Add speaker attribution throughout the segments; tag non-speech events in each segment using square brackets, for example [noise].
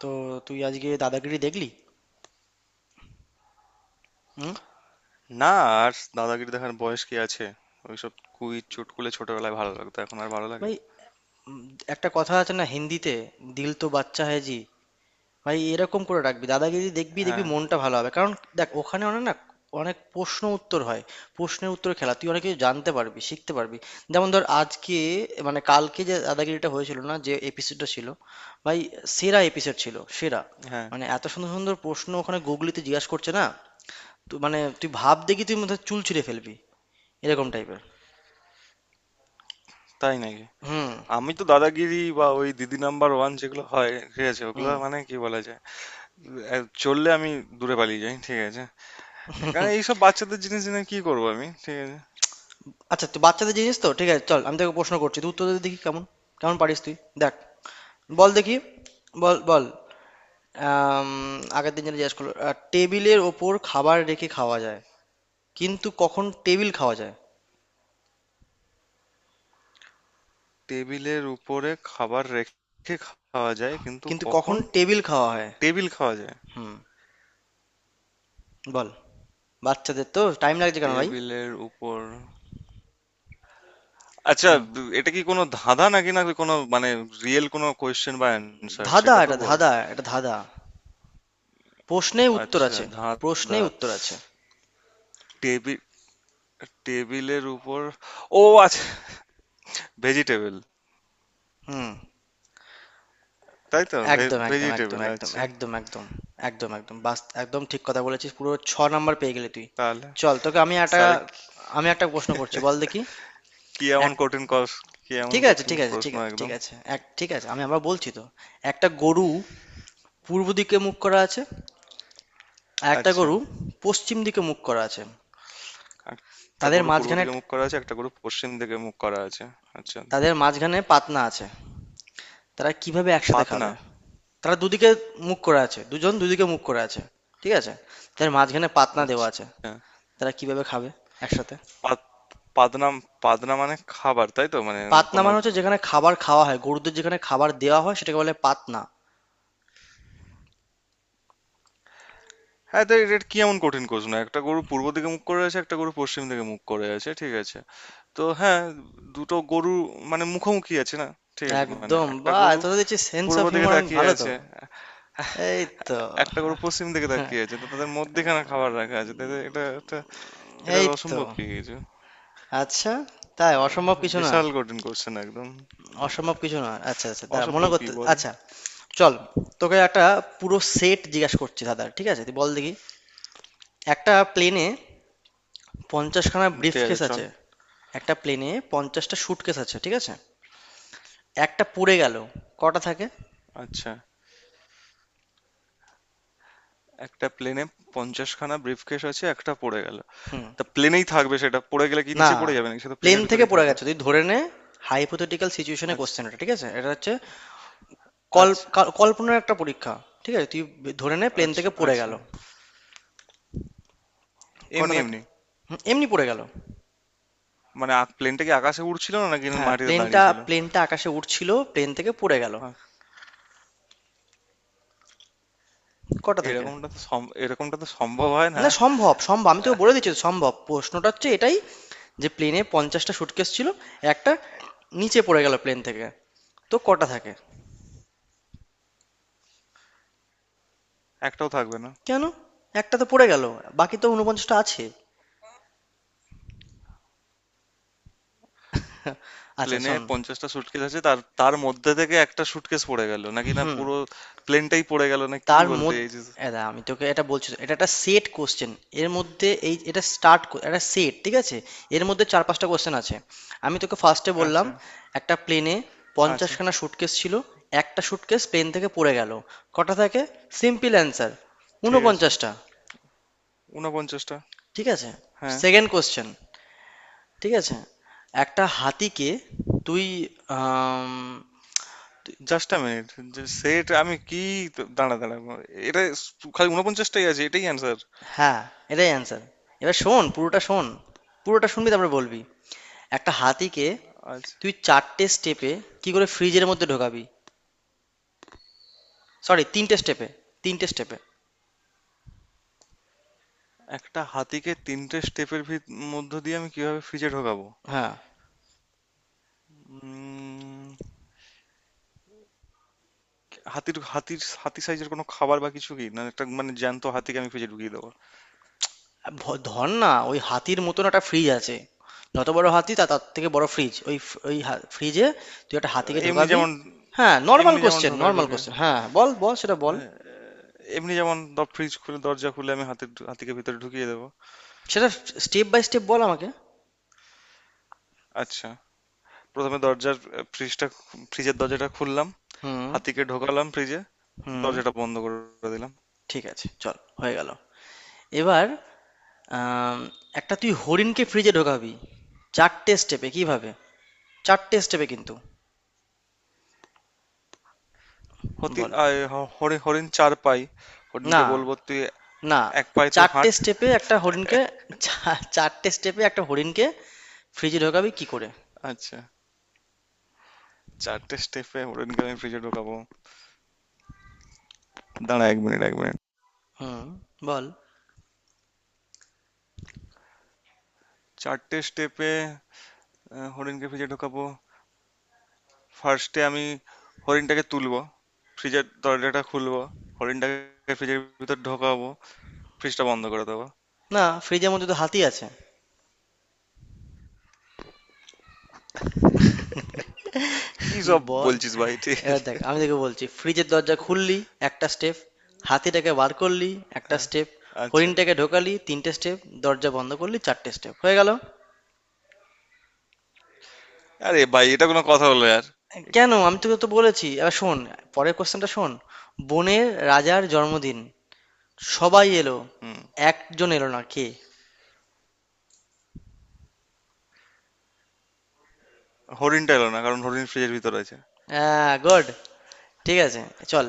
Speaker 1: তো তুই আজকে দাদাগিরি দেখলি? হুম।
Speaker 2: না, আর দাদাগিরি দেখার বয়স কি আছে? ওইসব কুইজ চুটকুলে ছোটবেলায় ভালো লাগতো, এখন আর ভালো লাগে।
Speaker 1: ভাই, উম, একটা কথা আছে না হিন্দিতে, দিল তো বাচ্চা হ্যায় জি। ভাই এরকম করে রাখবি, দাদাগিরি দেখবি দেখবি,
Speaker 2: হ্যাঁ।
Speaker 1: মনটা ভালো হবে। কারণ দেখ, ওখানে অনেক না, অনেক প্রশ্ন উত্তর হয়, প্রশ্নের উত্তর খেলা। তুই অনেক কিছু জানতে পারবি, শিখতে পারবি। যেমন ধর আজকে, মানে কালকে যে দাদাগিরিটা হয়েছিল না, যে এপিসোডটা ছিল, ভাই সেরা এপিসোড ছিল, সেরা।
Speaker 2: হ্যাঁ।
Speaker 1: মানে এত সুন্দর সুন্দর প্রশ্ন ওখানে গুগলিতে জিজ্ঞাসা করছে না, তুই ভাব দেখি, তুই মধ্যে চুল ছিঁড়ে ফেলবি এরকম টাইপের।
Speaker 2: তাই নাকি?
Speaker 1: হুম।
Speaker 2: আমি তো দাদাগিরি বা ওই দিদি নাম্বার ওয়ান যেগুলো হয়, ঠিক আছে, ওগুলো
Speaker 1: হুম।
Speaker 2: মানে কি বলা যায়, এ, চললে আমি দূরে পালিয়ে যাই, ঠিক আছে। এখানে এইসব বাচ্চাদের জিনিস জেনে কি করবো আমি, ঠিক আছে।
Speaker 1: আচ্ছা, তুই বাচ্চাদের জিনিস তো ঠিক আছে, চল আমি তোকে প্রশ্ন করছি, তুই উত্তর দে দেখি কেমন, কেমন পারিস তুই। দেখ, বল দেখি, বল বল। আম, আগের দিন যেটা জিজ্ঞেস করলো, টেবিলের ওপর খাবার রেখে খাওয়া যায়, কিন্তু কখন টেবিল খাওয়া যায়?
Speaker 2: টেবিলের উপরে খাবার রেখে খাওয়া যায় কিন্তু
Speaker 1: কিন্তু কখন
Speaker 2: কখন?
Speaker 1: টেবিল খাওয়া হয়?
Speaker 2: টেবিল খাওয়া যায়?
Speaker 1: হুম। বল। বাচ্চাদের তো, টাইম লাগছে কেন ভাই?
Speaker 2: টেবিলের উপর, আচ্ছা।
Speaker 1: হুম।
Speaker 2: এটা কি কোনো ধাঁধা নাকি, না কোনো মানে রিয়েল কোনো কোয়েশ্চেন বা অ্যান্সার?
Speaker 1: ধাঁধা,
Speaker 2: সেটা তো
Speaker 1: এটা
Speaker 2: বল।
Speaker 1: ধাঁধা, এটা ধাঁধা। প্রশ্নে উত্তর
Speaker 2: আচ্ছা,
Speaker 1: আছে। প্রশ্নে
Speaker 2: ধাঁধা।
Speaker 1: উত্তর আছে।
Speaker 2: টেবিল, টেবিলের উপর, ও আচ্ছা, ভেজিটেবল,
Speaker 1: হুম।
Speaker 2: তাই তো।
Speaker 1: একদম, একদম, একদম,
Speaker 2: ভেজিটেবল,
Speaker 1: একদম,
Speaker 2: আচ্ছা।
Speaker 1: একদম, একদম, একদম, একদম, বাস একদম ঠিক কথা বলেছিস, পুরো ছ নাম্বার পেয়ে গেলি তুই।
Speaker 2: তাহলে,
Speaker 1: চল তোকে আমি একটা,
Speaker 2: তাহলে কি?
Speaker 1: আমি একটা প্রশ্ন করছি, বল দেখি।
Speaker 2: কি এমন
Speaker 1: এক,
Speaker 2: কঠিন কি এমন
Speaker 1: ঠিক আছে
Speaker 2: কঠিন
Speaker 1: ঠিক আছে ঠিক
Speaker 2: প্রশ্ন,
Speaker 1: আছে ঠিক
Speaker 2: একদম।
Speaker 1: আছে, এক, ঠিক আছে, আমি আবার বলছি তো। একটা গরু পূর্ব দিকে মুখ করা আছে, আর একটা
Speaker 2: আচ্ছা,
Speaker 1: গরু পশ্চিম দিকে মুখ করা আছে।
Speaker 2: একটা
Speaker 1: তাদের
Speaker 2: গরু পূর্ব
Speaker 1: মাঝখানে,
Speaker 2: দিকে মুখ করা আছে, একটা গরু পশ্চিম দিকে মুখ করা আছে। আচ্ছা,
Speaker 1: তাদের মাঝখানে পাতনা আছে। তারা কিভাবে একসাথে
Speaker 2: পাতনা।
Speaker 1: খাবে? তারা দুদিকে মুখ করা আছে, দুজন দুদিকে মুখ করা আছে, ঠিক আছে? তাদের মাঝখানে পাতনা দেওয়া
Speaker 2: আচ্ছা,
Speaker 1: আছে। তারা কিভাবে খাবে একসাথে?
Speaker 2: পাত- পাতনা, পাতনা মানে খাবার, তাই তো মানে?
Speaker 1: পাতনা
Speaker 2: কোনো,
Speaker 1: মানে হচ্ছে যেখানে খাবার খাওয়া হয়, গরুদের যেখানে খাবার দেওয়া হয় সেটাকে বলে পাতনা।
Speaker 2: হ্যাঁ, তাই এটা কি এমন কঠিন প্রশ্ন? একটা গরু পূর্ব দিকে মুখ করে আছে, একটা গরু পশ্চিম দিকে মুখ করে আছে, ঠিক আছে, তো হ্যাঁ, দুটো গরু মানে মুখোমুখি আছে না, ঠিক আছে। মানে
Speaker 1: একদম,
Speaker 2: একটা
Speaker 1: বা
Speaker 2: গরু
Speaker 1: এত দেখছি সেন্স
Speaker 2: পূর্ব
Speaker 1: অফ
Speaker 2: দিকে
Speaker 1: হিউমার অনেক
Speaker 2: তাকিয়ে
Speaker 1: ভালো তো।
Speaker 2: আছে,
Speaker 1: এই তো।
Speaker 2: একটা গরু পশ্চিম দিকে তাকিয়ে আছে,
Speaker 1: [laughs]
Speaker 2: তো তাদের মধ্যেখানে খাবার রাখা আছে, তাদের এটা এটা এটা
Speaker 1: এই তো।
Speaker 2: অসম্ভব কি কিছু?
Speaker 1: আচ্ছা, তাই অসম্ভব কিছু না,
Speaker 2: বিশাল কঠিন কোশ্চেন একদম।
Speaker 1: অসম্ভব কিছু না। আচ্ছা আচ্ছা, দাঁড়া মনে
Speaker 2: অসম্ভব কি
Speaker 1: করতে,
Speaker 2: বল।
Speaker 1: আচ্ছা চল, তোকে একটা পুরো সেট জিজ্ঞাসা করছি দাদা, ঠিক আছে? তুই বল দেখি। একটা প্লেনে পঞ্চাশখানা ব্রিফ
Speaker 2: ঠিক আছে,
Speaker 1: কেস
Speaker 2: চল।
Speaker 1: আছে, একটা প্লেনে পঞ্চাশটা স্যুটকেস আছে, ঠিক আছে? একটা পুড়ে গেল, কটা থাকে?
Speaker 2: আচ্ছা, একটা প্লেনে পঞ্চাশখানা ব্রিফকেস আছে, একটা পড়ে গেল,
Speaker 1: হুম।
Speaker 2: তা প্লেনেই থাকবে সেটা। পড়ে গেলে কি
Speaker 1: না,
Speaker 2: নিচে পড়ে যাবে নাকি সেটা
Speaker 1: প্লেন
Speaker 2: প্লেনের
Speaker 1: থেকে
Speaker 2: ভিতরেই
Speaker 1: পড়ে
Speaker 2: থাকবে?
Speaker 1: গেছে, তুই ধরে নে। hypothetical situation এ
Speaker 2: আচ্ছা,
Speaker 1: question এটা, ঠিক আছে? এটা হচ্ছে কল
Speaker 2: আচ্ছা।
Speaker 1: কাল কল্পনার একটা পরীক্ষা, ঠিক আছে? তুই ধরে নে প্লেন
Speaker 2: আচ্ছা,
Speaker 1: থেকে পড়ে
Speaker 2: আচ্ছা।
Speaker 1: গেল। কটা
Speaker 2: এমনি
Speaker 1: থাকে?
Speaker 2: এমনি?
Speaker 1: হুম, এমনি পড়ে গেল।
Speaker 2: মানে প্লেনটা কি আকাশে উড়ছিল না নাকি
Speaker 1: হ্যাঁ,
Speaker 2: মাটিতে
Speaker 1: প্লেনটা
Speaker 2: দাঁড়িয়ে ছিল?
Speaker 1: প্লেনটা আকাশে উড়ছিল, প্লেন থেকে পড়ে গেল।
Speaker 2: আহ,
Speaker 1: কটা থাকে?
Speaker 2: এরকমটা তো এরকমটা তো সম্ভব হয় না।
Speaker 1: না, সম্ভব, সম্ভব। আমি তোকে বলে দিচ্ছি তো, সম্ভব। প্রশ্নটা হচ্ছে এটাই, যে প্লেনে পঞ্চাশটা সুটকেস ছিল, একটা নিচে পড়ে গেল প্লেন থেকে। তো কটা থাকে?
Speaker 2: একটাও থাকবে না।
Speaker 1: কেন? একটা তো পড়ে গেল, বাকি তো ঊনপঞ্চাশটা আছে। [laughs] আচ্ছা
Speaker 2: প্লেনে
Speaker 1: শোন।
Speaker 2: পঞ্চাশটা সুটকেস আছে, তার তার মধ্যে থেকে একটা সুটকেস পড়ে গেল নাকি, না
Speaker 1: হুম।
Speaker 2: পুরো প্লেনটাই পড়ে গেল, না কি
Speaker 1: তার
Speaker 2: বলতে
Speaker 1: মধ্যে,
Speaker 2: চাইছিস?
Speaker 1: দাঁড়া আমি তোকে এটা বলছি তো, এটা একটা সেট কোশ্চেন। এর মধ্যে এই, এটা স্টার্ট, একটা সেট ঠিক আছে, এর মধ্যে চার পাঁচটা কোশ্চেন আছে। আমি তোকে ফার্স্টে বললাম,
Speaker 2: আচ্ছা,
Speaker 1: একটা প্লেনে
Speaker 2: আচ্ছা,
Speaker 1: পঞ্চাশখানা সুটকেস ছিল, একটা সুটকেস প্লেন থেকে পড়ে গেল, কটা থাকে? সিম্পল অ্যান্সার,
Speaker 2: ঠিক আছে,
Speaker 1: ঊনপঞ্চাশটা।
Speaker 2: উনপঞ্চাশটা।
Speaker 1: ঠিক আছে।
Speaker 2: হ্যাঁ।
Speaker 1: সেকেন্ড কোশ্চেন, ঠিক আছে, একটা হাতিকে তুই, আম,
Speaker 2: জাস্ট আ মিনিট, সেট আমি কি, দাঁড়া দাঁড়া, এটা খালি উনপঞ্চাশটাই আছে, এটাই অ্যান্সার।
Speaker 1: হ্যাঁ, এটাই অ্যানসার। এবার শোন, পুরোটা শোন। পুরোটা শুনবি তারপরে বলবি। একটা হাতিকে
Speaker 2: আচ্ছা,
Speaker 1: তুই ৪ টে স্টেপে কি করে ফ্রিজের মধ্যে ঢোকাবি? সরি ৩ টে স্টেপে, ৩ টে স্টেপে।
Speaker 2: একটা হাতিকে তিনটে স্টেপের মধ্য দিয়ে আমি কিভাবে ফ্রিজে ঢোকাবো?
Speaker 1: হ্যাঁ,
Speaker 2: উম, হাতির হাতির হাতি সাইজের কোনো খাবার বা কিছু কি না, একটা মানে জ্যান্ত হাতিকে আমি ফ্রিজে ঢুকিয়ে দেবো?
Speaker 1: ভ ধর না ওই হাতির মতন একটা ফ্রিজ আছে। যত বড় হাতি, তা তার থেকে বড় ফ্রিজ। ওই ফ্রিজে তুই একটা হাতিকে
Speaker 2: এমনি
Speaker 1: ঢোকাবি।
Speaker 2: যেমন,
Speaker 1: হ্যাঁ, নরমাল
Speaker 2: এমনি যেমন
Speaker 1: কোয়েশ্চেন,
Speaker 2: ঢোকায়
Speaker 1: নরমাল
Speaker 2: ঢোকে।
Speaker 1: কোয়েশ্চেন। হ্যাঁ, বল, বল সেটা বল।
Speaker 2: আহ, এমনি যেমন ফ্রিজ খুলে, দরজা খুলে আমি হাতিকে ভিতরে ঢুকিয়ে দেবো।
Speaker 1: সেটা স্টেপ বাই স্টেপ বল আমাকে।
Speaker 2: আচ্ছা, প্রথমে দরজার, ফ্রিজটা ফ্রিজের দরজাটা খুললাম,
Speaker 1: হুম।
Speaker 2: হাতিকে ঢোকালাম ফ্রিজে,
Speaker 1: হুম।
Speaker 2: দরজাটা বন্ধ করে দিলাম।
Speaker 1: ঠিক আছে, চল, হয়ে গেল। এবার আম, একটা তুই হরিণকে ফ্রিজে ঢোকাবি চারটে স্টেপে কিভাবে, চারটে স্টেপে কিন্তু
Speaker 2: হতি
Speaker 1: বল।
Speaker 2: আয়, হ- হরি- হরিণ চার পাই,
Speaker 1: না,
Speaker 2: হরিণকে বলবো তুই
Speaker 1: না,
Speaker 2: এক পায়ে তুই
Speaker 1: চারটে
Speaker 2: হাঁট।
Speaker 1: স্টেপে একটা হরিণকে, চারটে স্টেপে একটা হরিণকে ফ্রিজে ঢোকাবি কি করে?
Speaker 2: আচ্ছা, চারটে স্টেপে হরিণকে আমি ফ্রিজে ঢোকাবো, দাঁড়া এক মিনিট, এক মিনিট।
Speaker 1: হুম। বল।
Speaker 2: চারটে স্টেপে হরিণকে ফ্রিজে ঢোকাবো, ফার্স্টে আমি হরিণটাকে তুলবো, ফ্রিজের দরজাটা খুলবো, হরিণটাকে ফ্রিজের ভিতর ঢোকাবো, ফ্রিজটা বন্ধ করে দেবো।
Speaker 1: না, ফ্রিজের মধ্যে তো হাতি আছে।
Speaker 2: কি সব
Speaker 1: বল।
Speaker 2: বলছিস ভাই, ঠিক
Speaker 1: এবার
Speaker 2: আছে।
Speaker 1: দেখ, আমি তোকে বলছি, ফ্রিজের দরজা খুললি একটা স্টেপ, হাতিটাকে বার করলি একটা
Speaker 2: হ্যাঁ,
Speaker 1: স্টেপ,
Speaker 2: আচ্ছা।
Speaker 1: হরিণটাকে ঢোকালি তিনটে স্টেপ, দরজা বন্ধ করলি চারটে স্টেপ, হয়ে গেল।
Speaker 2: আরে ভাই এটা কোনো কথা হলো আর!
Speaker 1: কেন, আমি তোকে তো বলেছি। এবার শোন, পরের কোশ্চেনটা শোন। বনের রাজার জন্মদিন, সবাই এলো,
Speaker 2: হুম,
Speaker 1: একজন এলো না, কে?
Speaker 2: হরিণটা এলো না কারণ হরিণ ফ্রিজের ভিতর আছে।
Speaker 1: হ্যাঁ, গুড। ঠিক আছে, চল,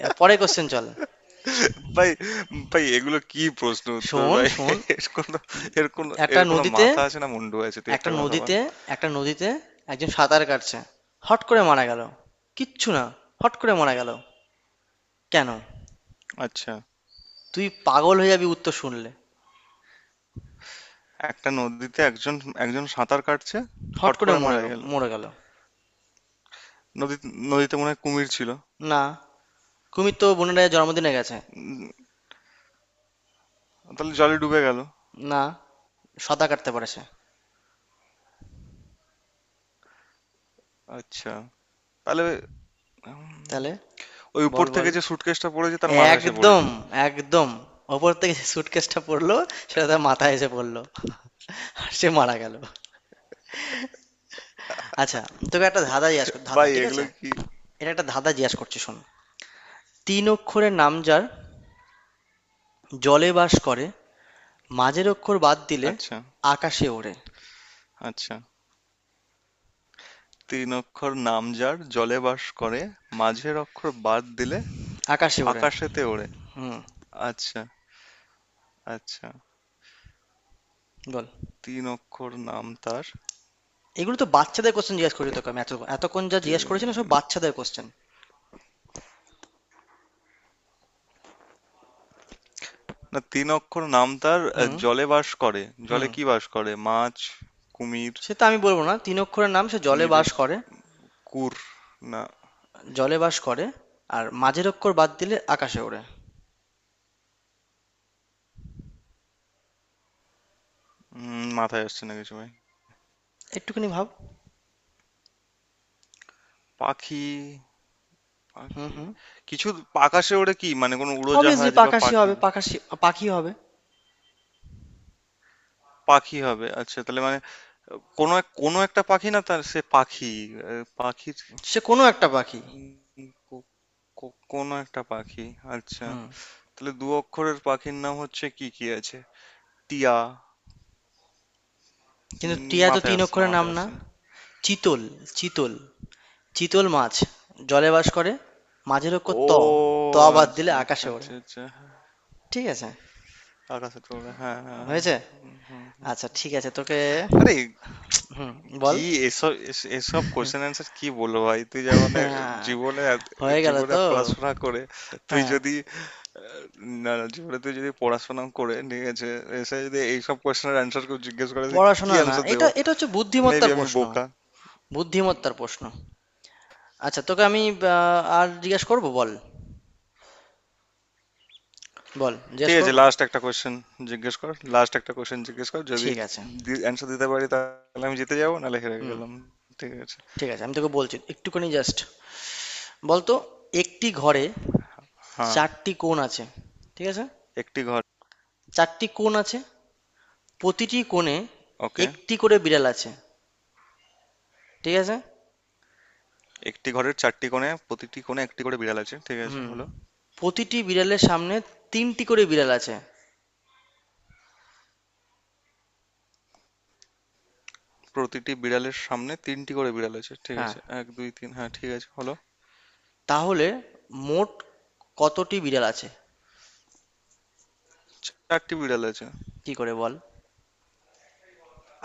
Speaker 1: এবার পরের কোশ্চেন, চল।
Speaker 2: ভাই, ভাই, এগুলো কি প্রশ্ন উত্তর
Speaker 1: শোন
Speaker 2: ভাই!
Speaker 1: শোন,
Speaker 2: [laughs] এর কোনো
Speaker 1: একটা
Speaker 2: এর কোনো
Speaker 1: নদীতে,
Speaker 2: মাথা আছে না মুন্ডু আছে? তুই একটা
Speaker 1: একটা
Speaker 2: কথা বল।
Speaker 1: নদীতে, একটা নদীতে একজন সাঁতার কাটছে, হট করে মারা গেল, কিচ্ছু না, হট করে মারা গেল, কেন?
Speaker 2: আচ্ছা,
Speaker 1: তুই পাগল হয়ে যাবি উত্তর শুনলে।
Speaker 2: একটা নদীতে একজন, একজন সাঁতার কাটছে,
Speaker 1: হট
Speaker 2: হট
Speaker 1: করে
Speaker 2: করে
Speaker 1: মরে
Speaker 2: মারা
Speaker 1: গ-
Speaker 2: গেল।
Speaker 1: মরে গেল।
Speaker 2: নদী, নদীতে মনে হয় কুমির ছিল।
Speaker 1: না, কুমির তো বোনের রাজার জন্মদিনে গেছে।
Speaker 2: তাহলে জলে ডুবে গেল?
Speaker 1: না, সাঁতার কাটতে পারে সে।
Speaker 2: আচ্ছা, তাহলে
Speaker 1: তাহলে,
Speaker 2: ওই উপর
Speaker 1: বল
Speaker 2: থেকে
Speaker 1: বল,
Speaker 2: যে সুটকেসটা পড়েছে তার মাথায় এসে
Speaker 1: একদম,
Speaker 2: পড়েছে।
Speaker 1: একদম। ওপর থেকে সুটকেসটা পড়লো, সেটা তার মাথায় এসে পড়লো, আর সে মারা গেল। আচ্ছা, তোকে একটা ধাঁধা জিজ্ঞাসা কর, ধাঁধা,
Speaker 2: ভাই
Speaker 1: ঠিক আছে?
Speaker 2: এগুলো কি?
Speaker 1: এটা একটা ধাঁধা জিজ্ঞাসা করছি, শোন। তিন অক্ষরের নাম যার, জলে বাস করে, মাঝের অক্ষর বাদ দিলে
Speaker 2: আচ্ছা,
Speaker 1: আকাশে ওড়ে।
Speaker 2: আচ্ছা, তিন অক্ষর নাম যার জলে বাস করে, মাঝের অক্ষর বাদ দিলে
Speaker 1: আকাশে ওড়ে।
Speaker 2: আকাশেতে ওড়ে।
Speaker 1: হুম।
Speaker 2: আচ্ছা, আচ্ছা,
Speaker 1: বল।
Speaker 2: তিন অক্ষর নাম তার,
Speaker 1: এগুলো তো বাচ্চাদের কোশ্চেন জিজ্ঞাসা করছি তোকে আমি, এত এতক্ষণ যা জিজ্ঞাসা করেছি না, সব
Speaker 2: তি-
Speaker 1: বাচ্চাদের কোশ্চেন।
Speaker 2: না, তিন অক্ষর নাম তার,
Speaker 1: হুম।
Speaker 2: জলে বাস করে। জলে
Speaker 1: হুম।
Speaker 2: কি বাস করে, মাছ? কুমির?
Speaker 1: সে তো আমি বলবো না, তিন অক্ষরের নাম, সে জলে বাস
Speaker 2: কুমিরের,
Speaker 1: করে,
Speaker 2: কুর, না।
Speaker 1: জলে বাস করে, আর মাঝের অক্ষর বাদ দিলে আকাশে ওড়ে।
Speaker 2: মাথায় আসছে না কিছু ভাই।
Speaker 1: একটুখানি ভাব।
Speaker 2: পাখি?
Speaker 1: হুম
Speaker 2: পাখি?
Speaker 1: হুম।
Speaker 2: কিছু আকাশে ওড়ে কি মানে, কোনো
Speaker 1: অবভিয়াসলি
Speaker 2: উড়োজাহাজ বা
Speaker 1: পাখাশি
Speaker 2: পাখি?
Speaker 1: হবে, পাখাশি, পাখি হবে,
Speaker 2: পাখি হবে? আচ্ছা, তাহলে মানে কোনো এক, কোনো একটা পাখি না তার, সে পাখি, পাখির,
Speaker 1: সে কোনো একটা পাখি।
Speaker 2: উম, কো- কোনো একটা পাখি, আচ্ছা।
Speaker 1: হুম।
Speaker 2: তাহলে দু অক্ষরের পাখির নাম হচ্ছে কি কি আছে? টিয়া।
Speaker 1: কিন্তু টিয়া তো
Speaker 2: মাথায়
Speaker 1: তিন
Speaker 2: আসছে না
Speaker 1: অক্ষরের নাম
Speaker 2: মাথায়
Speaker 1: না।
Speaker 2: আসছে না
Speaker 1: চিতল, চিতল, চিতল মাছ, জলে বাস করে, মাঝের অক্ষর
Speaker 2: ও
Speaker 1: ত, ত বাদ দিলে
Speaker 2: আচ্ছা, আচ্ছা,
Speaker 1: আকাশে ওড়ে।
Speaker 2: আচ্ছা, আচ্ছা,
Speaker 1: ঠিক আছে,
Speaker 2: আকাশে তোলে, হ্যাঁ হ্যাঁ হ্যাঁ।
Speaker 1: হয়েছে।
Speaker 2: হুম, হুম, হুম।
Speaker 1: আচ্ছা ঠিক আছে, তোকে,
Speaker 2: আরে,
Speaker 1: হুম,
Speaker 2: কি?
Speaker 1: বল।
Speaker 2: এসব কোশ্চেন অ্যান্সার কি বলবো ভাই? তুই যখন
Speaker 1: [laughs]
Speaker 2: জীবনে
Speaker 1: হয়ে গেল
Speaker 2: জীবনে
Speaker 1: তো।
Speaker 2: পড়াশোনা করে, তুই
Speaker 1: হ্যাঁ।
Speaker 2: যদি, আহ, না না, জীবনে তুই যদি পড়াশোনা করে, ঠিক আছে, এসে যদি এইসব কোশ্চেনের অ্যান্সার কেউ জিজ্ঞেস করে, তুই কি
Speaker 1: পড়াশোনা না,
Speaker 2: অ্যান্সার
Speaker 1: এটা
Speaker 2: দেবো?
Speaker 1: এটা হচ্ছে
Speaker 2: মেবি
Speaker 1: বুদ্ধিমত্তার
Speaker 2: আমি
Speaker 1: প্রশ্ন,
Speaker 2: বোকা। উম,
Speaker 1: বুদ্ধিমত্তার প্রশ্ন। আচ্ছা, তোকে আমি, আর জিজ্ঞেস করব, বল, বল
Speaker 2: ঠিক
Speaker 1: জিজ্ঞেস
Speaker 2: আছে,
Speaker 1: করব।
Speaker 2: লাস্ট একটা কোশ্চেন জিজ্ঞেস কর। লাস্ট একটা কোশ্চেন জিজ্ঞেস কর, যদি
Speaker 1: ঠিক আছে।
Speaker 2: অ্যান্সার দিতে পারি তাহলে আমি জিতে যাবো, নাহলে হেরে
Speaker 1: হুম।
Speaker 2: গেলাম। ঠিক আছে।
Speaker 1: ঠিক আছে আমি তোকে বলছি, একটুখানি জাস্ট, বলতো, একটি ঘরে
Speaker 2: হ্যাঁ।
Speaker 1: চারটি কোণ আছে, ঠিক আছে?
Speaker 2: একটি ঘর।
Speaker 1: চারটি কোণ আছে, প্রতিটি কোণে
Speaker 2: ওকে।
Speaker 1: একটি করে বিড়াল আছে, ঠিক আছে?
Speaker 2: একটি ঘরের চারটি কোণে, প্রতিটি কোণে একটি করে বিড়াল আছে, ঠিক আছে,
Speaker 1: হুম।
Speaker 2: হলো।
Speaker 1: প্রতিটি বিড়ালের সামনে তিনটি করে বিড়াল আছে।
Speaker 2: প্রতিটি বিড়ালের সামনে তিনটি করে বিড়াল আছে, ঠিক
Speaker 1: হ্যাঁ,
Speaker 2: আছে, এক দুই তিন, হ্যাঁ, ঠিক আছে, হলো।
Speaker 1: তাহলে মোট কতটি বিড়াল আছে?
Speaker 2: চারটি বিড়াল আছে।
Speaker 1: কি করে বল।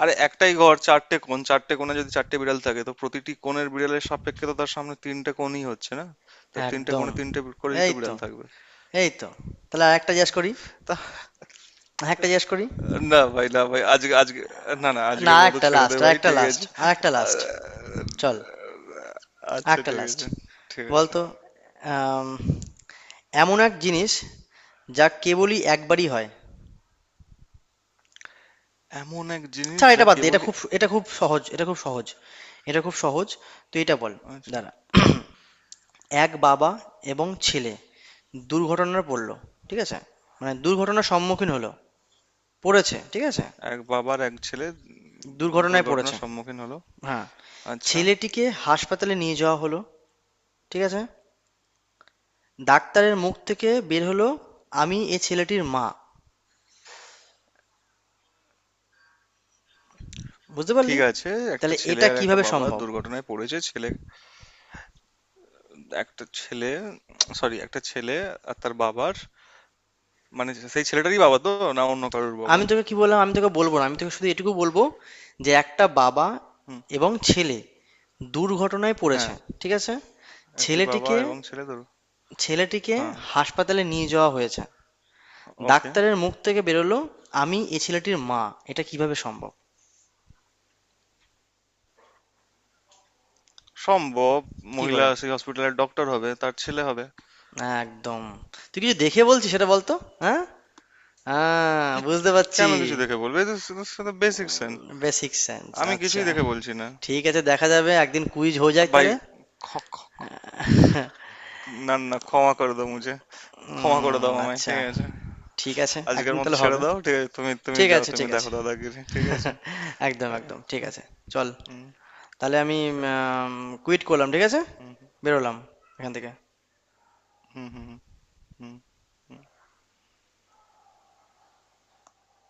Speaker 2: আরে একটাই ঘর, চারটে কোণ, চারটে কোণে যদি চারটে বিড়াল থাকে, তো প্রতিটি কোণের বিড়ালের সাপেক্ষে তো তার সামনে তিনটে কোণই হচ্ছে না, তার তিনটে
Speaker 1: একদম,
Speaker 2: কোণে তিনটে করেই তো
Speaker 1: এই তো,
Speaker 2: বিড়াল থাকবে।
Speaker 1: এই তো। তাহলে আরেকটা জিজ্ঞেস করি,
Speaker 2: তা,
Speaker 1: আরেকটা জিজ্ঞেস করি,
Speaker 2: না ভাই, না ভাই, আজকে আজকে, না না,
Speaker 1: না
Speaker 2: আজকের মতো
Speaker 1: আরেকটা
Speaker 2: ছেড়ে দে
Speaker 1: লাস্ট,
Speaker 2: ভাই,
Speaker 1: আরেকটা
Speaker 2: ঠিক
Speaker 1: লাস্ট,
Speaker 2: আছে।
Speaker 1: আরেকটা লাস্ট,
Speaker 2: আহ,
Speaker 1: চল,
Speaker 2: আচ্ছা,
Speaker 1: আরেকটা
Speaker 2: ঠিক
Speaker 1: লাস্ট।
Speaker 2: আছে। ঠিক আছে।
Speaker 1: বলতো, আম, এমন এক জিনিস যা কেবলই একবারই হয়।
Speaker 2: এমন এক জিনিস
Speaker 1: ছাড়
Speaker 2: যা
Speaker 1: এটা, বাদ দে, এটা
Speaker 2: কেবলই,
Speaker 1: খুব, এটা খুব সহজ, এটা খুব সহজ, এটা খুব সহজ। তুই এটা বল।
Speaker 2: আচ্ছা।
Speaker 1: দাঁড়া। [clears throat] এক বাবা এবং ছেলে দুর্ঘটনায় পড়লো, ঠিক আছে? মানে দুর্ঘটনার সম্মুখীন হলো, পড়েছে ঠিক আছে,
Speaker 2: এক বাবার এক ছেলে,
Speaker 1: দুর্ঘটনায় পড়েছে।
Speaker 2: দুর্ঘটনার সম্মুখীন হলো,
Speaker 1: হ্যাঁ,
Speaker 2: আচ্ছা,
Speaker 1: ছেলেটিকে হাসপাতালে নিয়ে যাওয়া হলো, ঠিক আছে? ডাক্তারের মুখ থেকে বের হলো, আমি এ ছেলেটির মা। বুঝতে পারলি?
Speaker 2: ঠিক আছে। একটা
Speaker 1: তাহলে
Speaker 2: ছেলে
Speaker 1: এটা
Speaker 2: আর একটা
Speaker 1: কিভাবে
Speaker 2: বাবা
Speaker 1: সম্ভব?
Speaker 2: দুর্ঘটনায় পড়েছে, ছেলে, একটা ছেলে, সরি, একটা ছেলে আর তার বাবার, মানে সেই ছেলেটারই বাবা তো, না অন্য কারোর বাবা?
Speaker 1: আমি তোকে কি বললাম, আমি তোকে বলবো না, আমি তোকে শুধু এটুকু বলবো, যে একটা বাবা
Speaker 2: হুম।
Speaker 1: এবং ছেলে দুর্ঘটনায় পড়েছে,
Speaker 2: হ্যাঁ।
Speaker 1: ঠিক আছে?
Speaker 2: একটি বাবা
Speaker 1: ছেলেটিকে,
Speaker 2: এবং ছেলে দুর,
Speaker 1: ছেলেটিকে
Speaker 2: হ্যাঁ,
Speaker 1: হাসপাতালে নিয়ে যাওয়া হয়েছে,
Speaker 2: ওকে,
Speaker 1: ডাক্তারের মুখ থেকে বেরোলো আমি এ ছেলেটির মা। এটা কিভাবে সম্ভব?
Speaker 2: সম্ভব।
Speaker 1: কি
Speaker 2: মহিলা
Speaker 1: করে?
Speaker 2: সেই হসপিটালের ডক্টর হবে, তার ছেলে হবে।
Speaker 1: একদম। তুই কিছু দেখে বলছিস সেটা বলতো। হ্যাঁ, হ্যাঁ
Speaker 2: কি?
Speaker 1: বুঝতে পারছি।
Speaker 2: কেন কিছু দেখে বলবে? সাথে বেসিক সেন্স।
Speaker 1: বেসিক সেন্স,
Speaker 2: আমি
Speaker 1: আচ্ছা।
Speaker 2: কিছুই দেখে বলছি না।
Speaker 1: ঠিক আছে, দেখা যাবে একদিন কুইজ হয়ে যাক
Speaker 2: ভাই,
Speaker 1: তাহলে।
Speaker 2: খ- খ- না না, ক্ষমা করে দাও মুঝে, ক্ষমা করে দাও আমায়,
Speaker 1: আচ্ছা,
Speaker 2: ঠিক আছে?
Speaker 1: ঠিক আছে,
Speaker 2: আজকের
Speaker 1: একদিন
Speaker 2: মতো
Speaker 1: তাহলে
Speaker 2: ছেড়ে
Speaker 1: হবে।
Speaker 2: দাও, ঠিক আছে, তুমি, তুমি
Speaker 1: ঠিক
Speaker 2: যাও,
Speaker 1: আছে,
Speaker 2: তুমি
Speaker 1: ঠিক আছে,
Speaker 2: দেখো দাদাগিরি, ঠিক আছে।
Speaker 1: একদম
Speaker 2: হ্যাঁ।
Speaker 1: একদম ঠিক আছে। চল,
Speaker 2: হুম,
Speaker 1: তাহলে আমি কুইট করলাম, ঠিক আছে,
Speaker 2: হুম,
Speaker 1: বেরোলাম এখান থেকে।
Speaker 2: হুম, হুম, হুম, হুম।